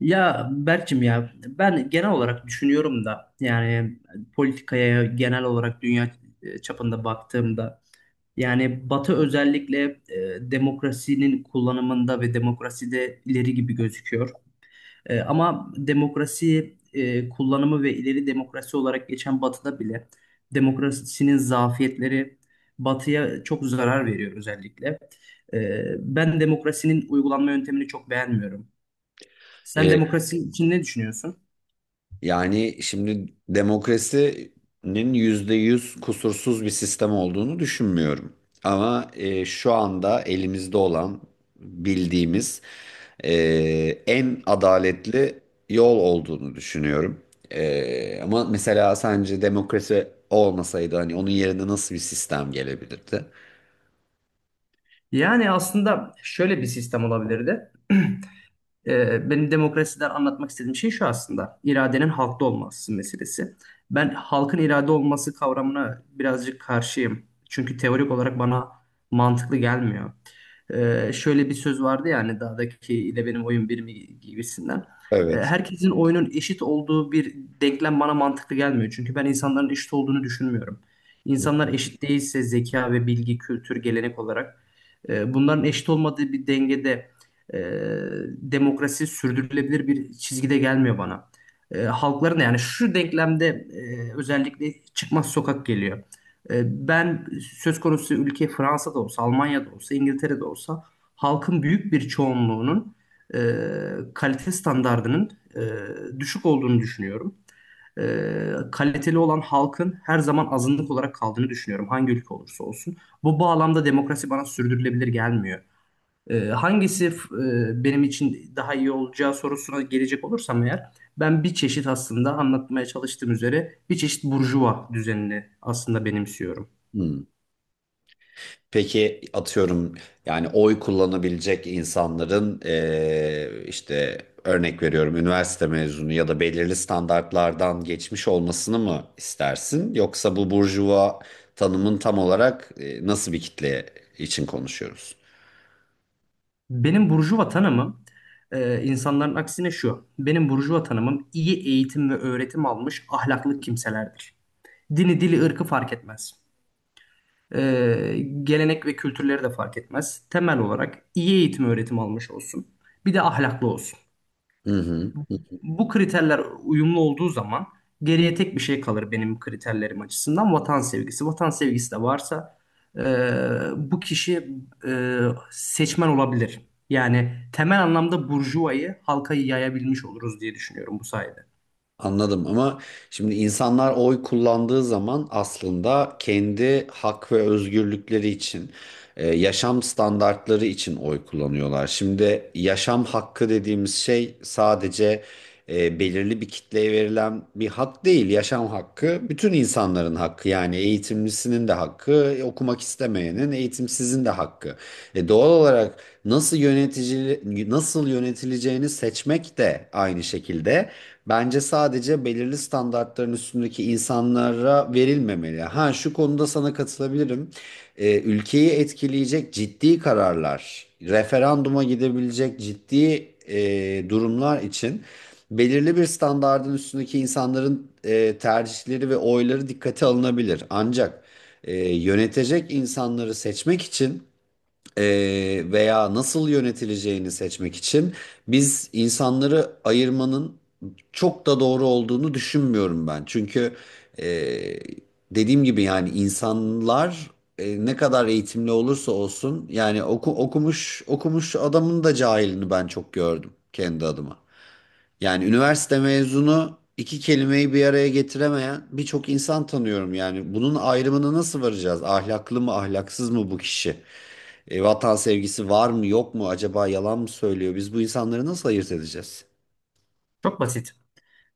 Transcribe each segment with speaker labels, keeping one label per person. Speaker 1: Ya Berk'cim ya ben genel olarak düşünüyorum da yani politikaya genel olarak dünya çapında baktığımda yani Batı özellikle demokrasinin kullanımında ve demokraside ileri gibi gözüküyor. Ama demokrasi kullanımı ve ileri demokrasi olarak geçen Batı'da bile demokrasinin zafiyetleri Batı'ya çok zarar veriyor özellikle. Ben demokrasinin uygulanma yöntemini çok beğenmiyorum. Sen
Speaker 2: E,
Speaker 1: demokrasi için ne düşünüyorsun?
Speaker 2: Yani şimdi demokrasinin %100 kusursuz bir sistem olduğunu düşünmüyorum. Ama şu anda elimizde olan bildiğimiz e, en adaletli yol olduğunu düşünüyorum. Ama mesela sence demokrasi olmasaydı hani onun yerine nasıl bir sistem gelebilirdi?
Speaker 1: Yani aslında şöyle bir sistem olabilirdi. Benim demokrasiden anlatmak istediğim şey şu aslında. İradenin halkta olması meselesi. Ben halkın irade olması kavramına birazcık karşıyım. Çünkü teorik olarak bana mantıklı gelmiyor. Şöyle bir söz vardı ya hani dağdaki ile benim oyun bir mi gibisinden.
Speaker 2: Evet.
Speaker 1: Herkesin oyunun eşit olduğu bir denklem bana mantıklı gelmiyor. Çünkü ben insanların eşit olduğunu düşünmüyorum. İnsanlar eşit değilse zeka ve bilgi, kültür, gelenek olarak bunların eşit olmadığı bir dengede e, demokrasi sürdürülebilir bir çizgide gelmiyor bana. Halkların da yani şu denklemde özellikle çıkmaz sokak geliyor. E, ben söz konusu ülke Fransa'da olsa, Almanya'da olsa, İngiltere'de olsa halkın büyük bir çoğunluğunun e, kalite standardının e, düşük olduğunu düşünüyorum. E, Kaliteli olan halkın her zaman azınlık olarak kaldığını düşünüyorum hangi ülke olursa olsun. Bu bağlamda demokrasi bana sürdürülebilir gelmiyor. Hangisi benim için daha iyi olacağı sorusuna gelecek olursam eğer ben bir çeşit aslında anlatmaya çalıştığım üzere bir çeşit burjuva düzenini aslında benimsiyorum.
Speaker 2: Hmm. Peki atıyorum yani oy kullanabilecek insanların işte örnek veriyorum üniversite mezunu ya da belirli standartlardan geçmiş olmasını mı istersin? Yoksa bu burjuva tanımın tam olarak nasıl bir kitle için konuşuyoruz?
Speaker 1: Benim burjuva tanımım insanların aksine şu. Benim burjuva tanımım iyi eğitim ve öğretim almış ahlaklı kimselerdir. Dini, dili, ırkı fark etmez. Ee, Gelenek ve kültürleri de fark etmez. Temel olarak iyi eğitim öğretim almış olsun. Bir de ahlaklı olsun.
Speaker 2: Hı hı.
Speaker 1: Bu kriterler uyumlu olduğu zaman geriye tek bir şey kalır benim kriterlerim açısından vatan sevgisi. Vatan sevgisi de varsa e, bu kişi e, seçmen olabilir. Yani temel anlamda burjuvayı halka yayabilmiş oluruz diye düşünüyorum bu sayede.
Speaker 2: Anladım ama şimdi insanlar oy kullandığı zaman aslında kendi hak ve özgürlükleri için, yaşam standartları için oy kullanıyorlar. Şimdi yaşam hakkı dediğimiz şey sadece belirli bir kitleye verilen bir hak değil. Yaşam hakkı bütün insanların hakkı. Yani eğitimlisinin de hakkı, okumak istemeyenin, eğitimsizin de hakkı. Doğal olarak nasıl yönetici nasıl yönetileceğini seçmek de aynı şekilde bence sadece belirli standartların üstündeki insanlara verilmemeli. Ha, şu konuda sana katılabilirim. Ülkeyi etkileyecek ciddi kararlar, referanduma gidebilecek ciddi durumlar için belirli bir standardın üstündeki insanların tercihleri ve oyları dikkate alınabilir. Ancak yönetecek insanları seçmek için e, veya nasıl yönetileceğini seçmek için biz insanları ayırmanın çok da doğru olduğunu düşünmüyorum ben. Çünkü e, dediğim gibi yani insanlar ne kadar eğitimli olursa olsun yani okumuş okumuş adamın da cahilini ben çok gördüm kendi adıma. Yani üniversite mezunu iki kelimeyi bir araya getiremeyen birçok insan tanıyorum yani. Bunun ayrımına nasıl varacağız? Ahlaklı mı, ahlaksız mı bu kişi? Vatan sevgisi var mı, yok mu? Acaba yalan mı söylüyor? Biz bu insanları nasıl ayırt edeceğiz?
Speaker 1: Çok basit.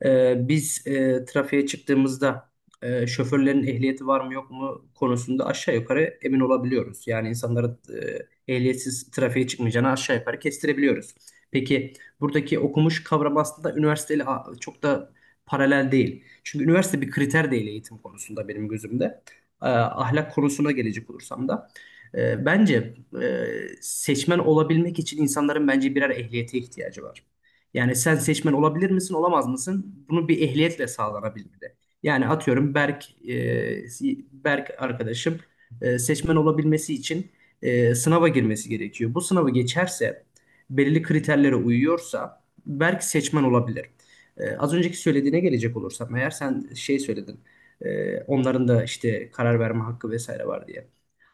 Speaker 1: Biz trafiğe çıktığımızda şoförlerin ehliyeti var mı yok mu konusunda aşağı yukarı emin olabiliyoruz. Yani insanların ehliyetsiz trafiğe çıkmayacağını aşağı yukarı kestirebiliyoruz. Peki buradaki okumuş kavram aslında üniversiteyle çok da paralel değil. Çünkü üniversite bir kriter değil eğitim konusunda benim gözümde. Ahlak konusuna gelecek olursam da. Bence e, seçmen olabilmek için insanların bence birer ehliyete ihtiyacı var. Yani sen seçmen olabilir misin, olamaz mısın? Bunu bir ehliyetle sağlanabilmeli. Yani atıyorum Berk, Berk arkadaşım seçmen olabilmesi için sınava girmesi gerekiyor. Bu sınavı geçerse, belirli kriterlere uyuyorsa Berk seçmen olabilir. Az önceki söylediğine gelecek olursam eğer sen şey söyledin, onların da işte karar verme hakkı vesaire var diye.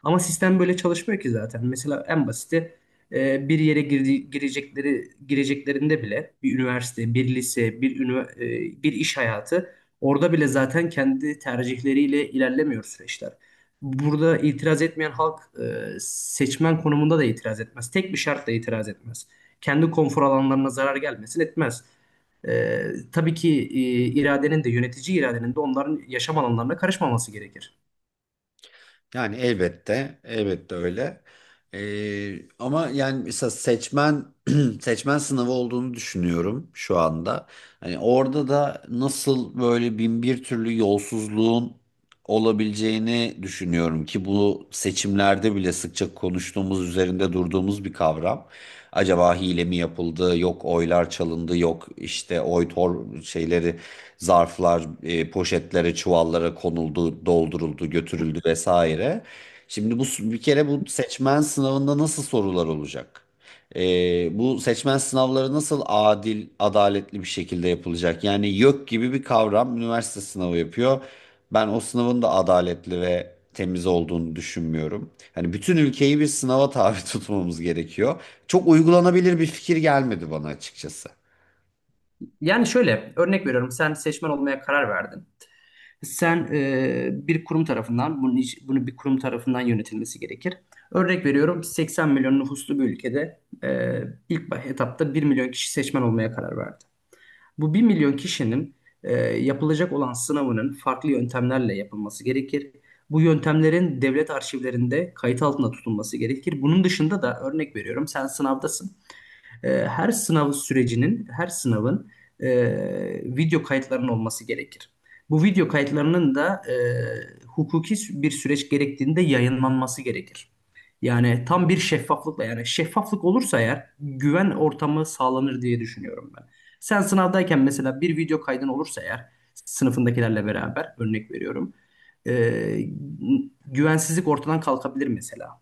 Speaker 1: Ama sistem böyle çalışmıyor ki zaten. Mesela en basiti bir yere gireceklerinde bile bir üniversite, bir lise, bir iş hayatı orada bile zaten kendi tercihleriyle ilerlemiyor süreçler. Burada itiraz etmeyen halk seçmen konumunda da itiraz etmez. Tek bir şartla itiraz etmez. Kendi konfor alanlarına zarar gelmesin etmez. E, tabii ki iradenin de yönetici iradenin de onların yaşam alanlarına karışmaması gerekir.
Speaker 2: Yani elbette, elbette öyle. Ama yani mesela seçmen seçmen sınavı olduğunu düşünüyorum şu anda. Hani orada da nasıl böyle bin bir türlü yolsuzluğun olabileceğini düşünüyorum ki bu seçimlerde bile sıkça konuştuğumuz, üzerinde durduğumuz bir kavram. Acaba hile mi yapıldı, yok oylar çalındı, yok işte oy tor şeyleri zarflar, poşetlere, çuvallara konuldu, dolduruldu, götürüldü vesaire. Şimdi bu bir kere bu seçmen sınavında nasıl sorular olacak? E, Bu seçmen sınavları nasıl adil, adaletli bir şekilde yapılacak? Yani YÖK gibi bir kavram üniversite sınavı yapıyor. Ben o sınavın da adaletli ve temiz olduğunu düşünmüyorum. Hani bütün ülkeyi bir sınava tabi tutmamız gerekiyor. Çok uygulanabilir bir fikir gelmedi bana açıkçası.
Speaker 1: Yani şöyle örnek veriyorum sen seçmen olmaya karar verdin. Sen bir kurum tarafından, bunu bir kurum tarafından yönetilmesi gerekir. Örnek veriyorum 80 milyon nüfuslu bir ülkede etapta bir milyon kişi seçmen olmaya karar verdi. Bu 1 milyon kişinin yapılacak olan sınavının farklı yöntemlerle yapılması gerekir. Bu yöntemlerin devlet arşivlerinde kayıt altında tutulması gerekir. Bunun dışında da örnek veriyorum sen sınavdasın, her sınav sürecinin, her sınavın e, video kayıtlarının olması gerekir. Bu video kayıtlarının da hukuki bir süreç gerektiğinde yayınlanması gerekir. Yani tam bir şeffaflıkla yani şeffaflık olursa eğer güven ortamı sağlanır diye düşünüyorum ben. Sen sınavdayken mesela bir video kaydın olursa eğer sınıfındakilerle beraber örnek veriyorum. e, Güvensizlik ortadan kalkabilir mesela.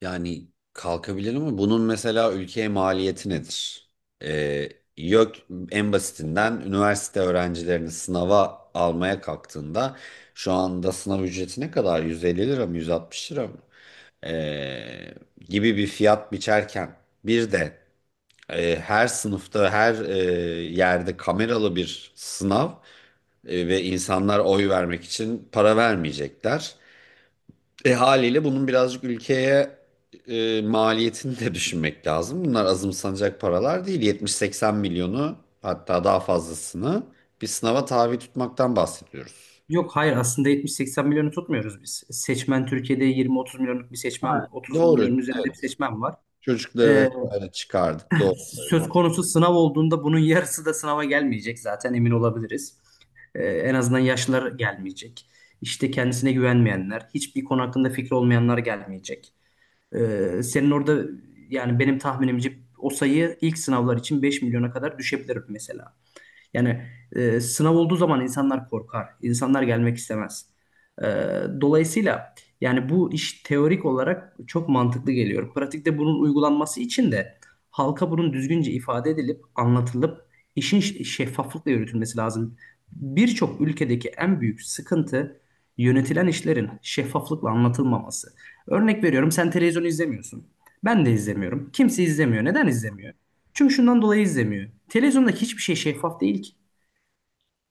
Speaker 2: Yani kalkabilir ama bunun mesela ülkeye maliyeti nedir? Ee, Yok, en basitinden üniversite öğrencilerini sınava almaya kalktığında şu anda sınav ücreti ne kadar? 150 lira mı, 160 lira mı? Ee, Gibi bir fiyat biçerken bir de her sınıfta her yerde kameralı bir sınav ve insanlar oy vermek için para vermeyecekler. E haliyle bunun birazcık ülkeye maliyetini de düşünmek lazım. Bunlar azımsanacak paralar değil. 70-80 milyonu hatta daha fazlasını bir sınava tabi tutmaktan bahsediyoruz.
Speaker 1: Yok hayır aslında 70-80 milyonu tutmuyoruz biz. Seçmen Türkiye'de 20-30 milyonluk bir seçmen,
Speaker 2: Ha,
Speaker 1: 30
Speaker 2: doğru.
Speaker 1: milyonun üzerinde bir
Speaker 2: Evet.
Speaker 1: seçmen var.
Speaker 2: Çocukları
Speaker 1: Ee,
Speaker 2: vesaire çıkardık. Doğru
Speaker 1: Söz
Speaker 2: söylüyorum.
Speaker 1: konusu sınav olduğunda bunun yarısı da sınava gelmeyecek zaten, emin olabiliriz. En azından yaşlılar gelmeyecek. İşte kendisine güvenmeyenler, hiçbir konu hakkında fikri olmayanlar gelmeyecek. Senin orada yani benim tahminimce o sayı ilk sınavlar için 5 milyona kadar düşebilir mesela. Yani sınav olduğu zaman insanlar korkar, insanlar gelmek istemez. E, Dolayısıyla yani bu iş teorik olarak çok mantıklı geliyor. Pratikte bunun uygulanması için de halka bunun düzgünce ifade edilip anlatılıp şeffaflıkla yürütülmesi lazım. Birçok ülkedeki en büyük sıkıntı yönetilen işlerin şeffaflıkla anlatılmaması. Örnek veriyorum sen televizyon izlemiyorsun. Ben de izlemiyorum. Kimse izlemiyor. Neden izlemiyor? Çünkü şundan dolayı izlemiyor. Televizyonda hiçbir şey şeffaf değil ki.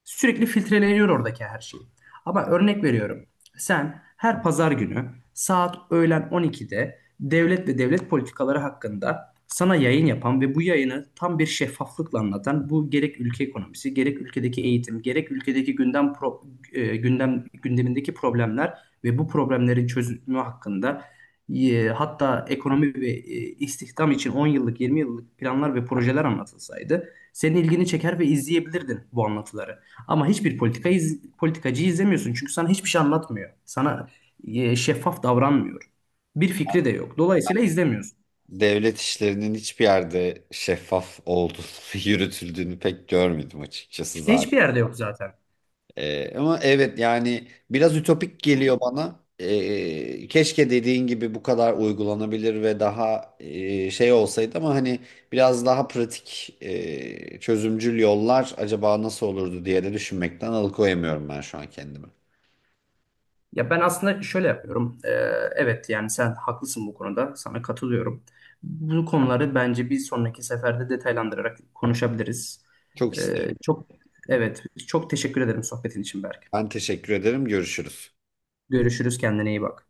Speaker 1: Sürekli filtreleniyor oradaki her şey. Ama örnek veriyorum. Sen her pazar günü saat öğlen 12'de devlet ve devlet politikaları hakkında sana yayın yapan ve bu yayını tam bir şeffaflıkla anlatan bu gerek ülke ekonomisi, gerek ülkedeki eğitim, gerek ülkedeki gündem pro- e, gündem gündemindeki problemler ve bu problemlerin çözümü hakkında, hatta ekonomi ve istihdam için 10 yıllık, 20 yıllık planlar ve projeler anlatılsaydı senin ilgini çeker ve izleyebilirdin bu anlatıları. Ama politikacıyı izlemiyorsun çünkü sana hiçbir şey anlatmıyor. Sana şeffaf davranmıyor. Bir fikri de yok. Dolayısıyla izlemiyorsun.
Speaker 2: Devlet işlerinin hiçbir yerde şeffaf olduğunu, yürütüldüğünü pek görmedim açıkçası.
Speaker 1: İşte hiçbir yerde yok zaten.
Speaker 2: Ama evet yani biraz ütopik geliyor bana. Keşke dediğin gibi bu kadar uygulanabilir ve daha şey olsaydı ama hani biraz daha pratik çözümcül yollar acaba nasıl olurdu diye de düşünmekten alıkoyamıyorum ben şu an kendimi.
Speaker 1: Ya ben aslında şöyle yapıyorum. Evet yani sen haklısın bu konuda. Sana katılıyorum. Bu konuları bence bir sonraki seferde detaylandırarak konuşabiliriz.
Speaker 2: Çok isterim.
Speaker 1: Çok Evet, çok teşekkür ederim sohbetin için Berk.
Speaker 2: Ben teşekkür ederim. Görüşürüz.
Speaker 1: Görüşürüz, kendine iyi bak.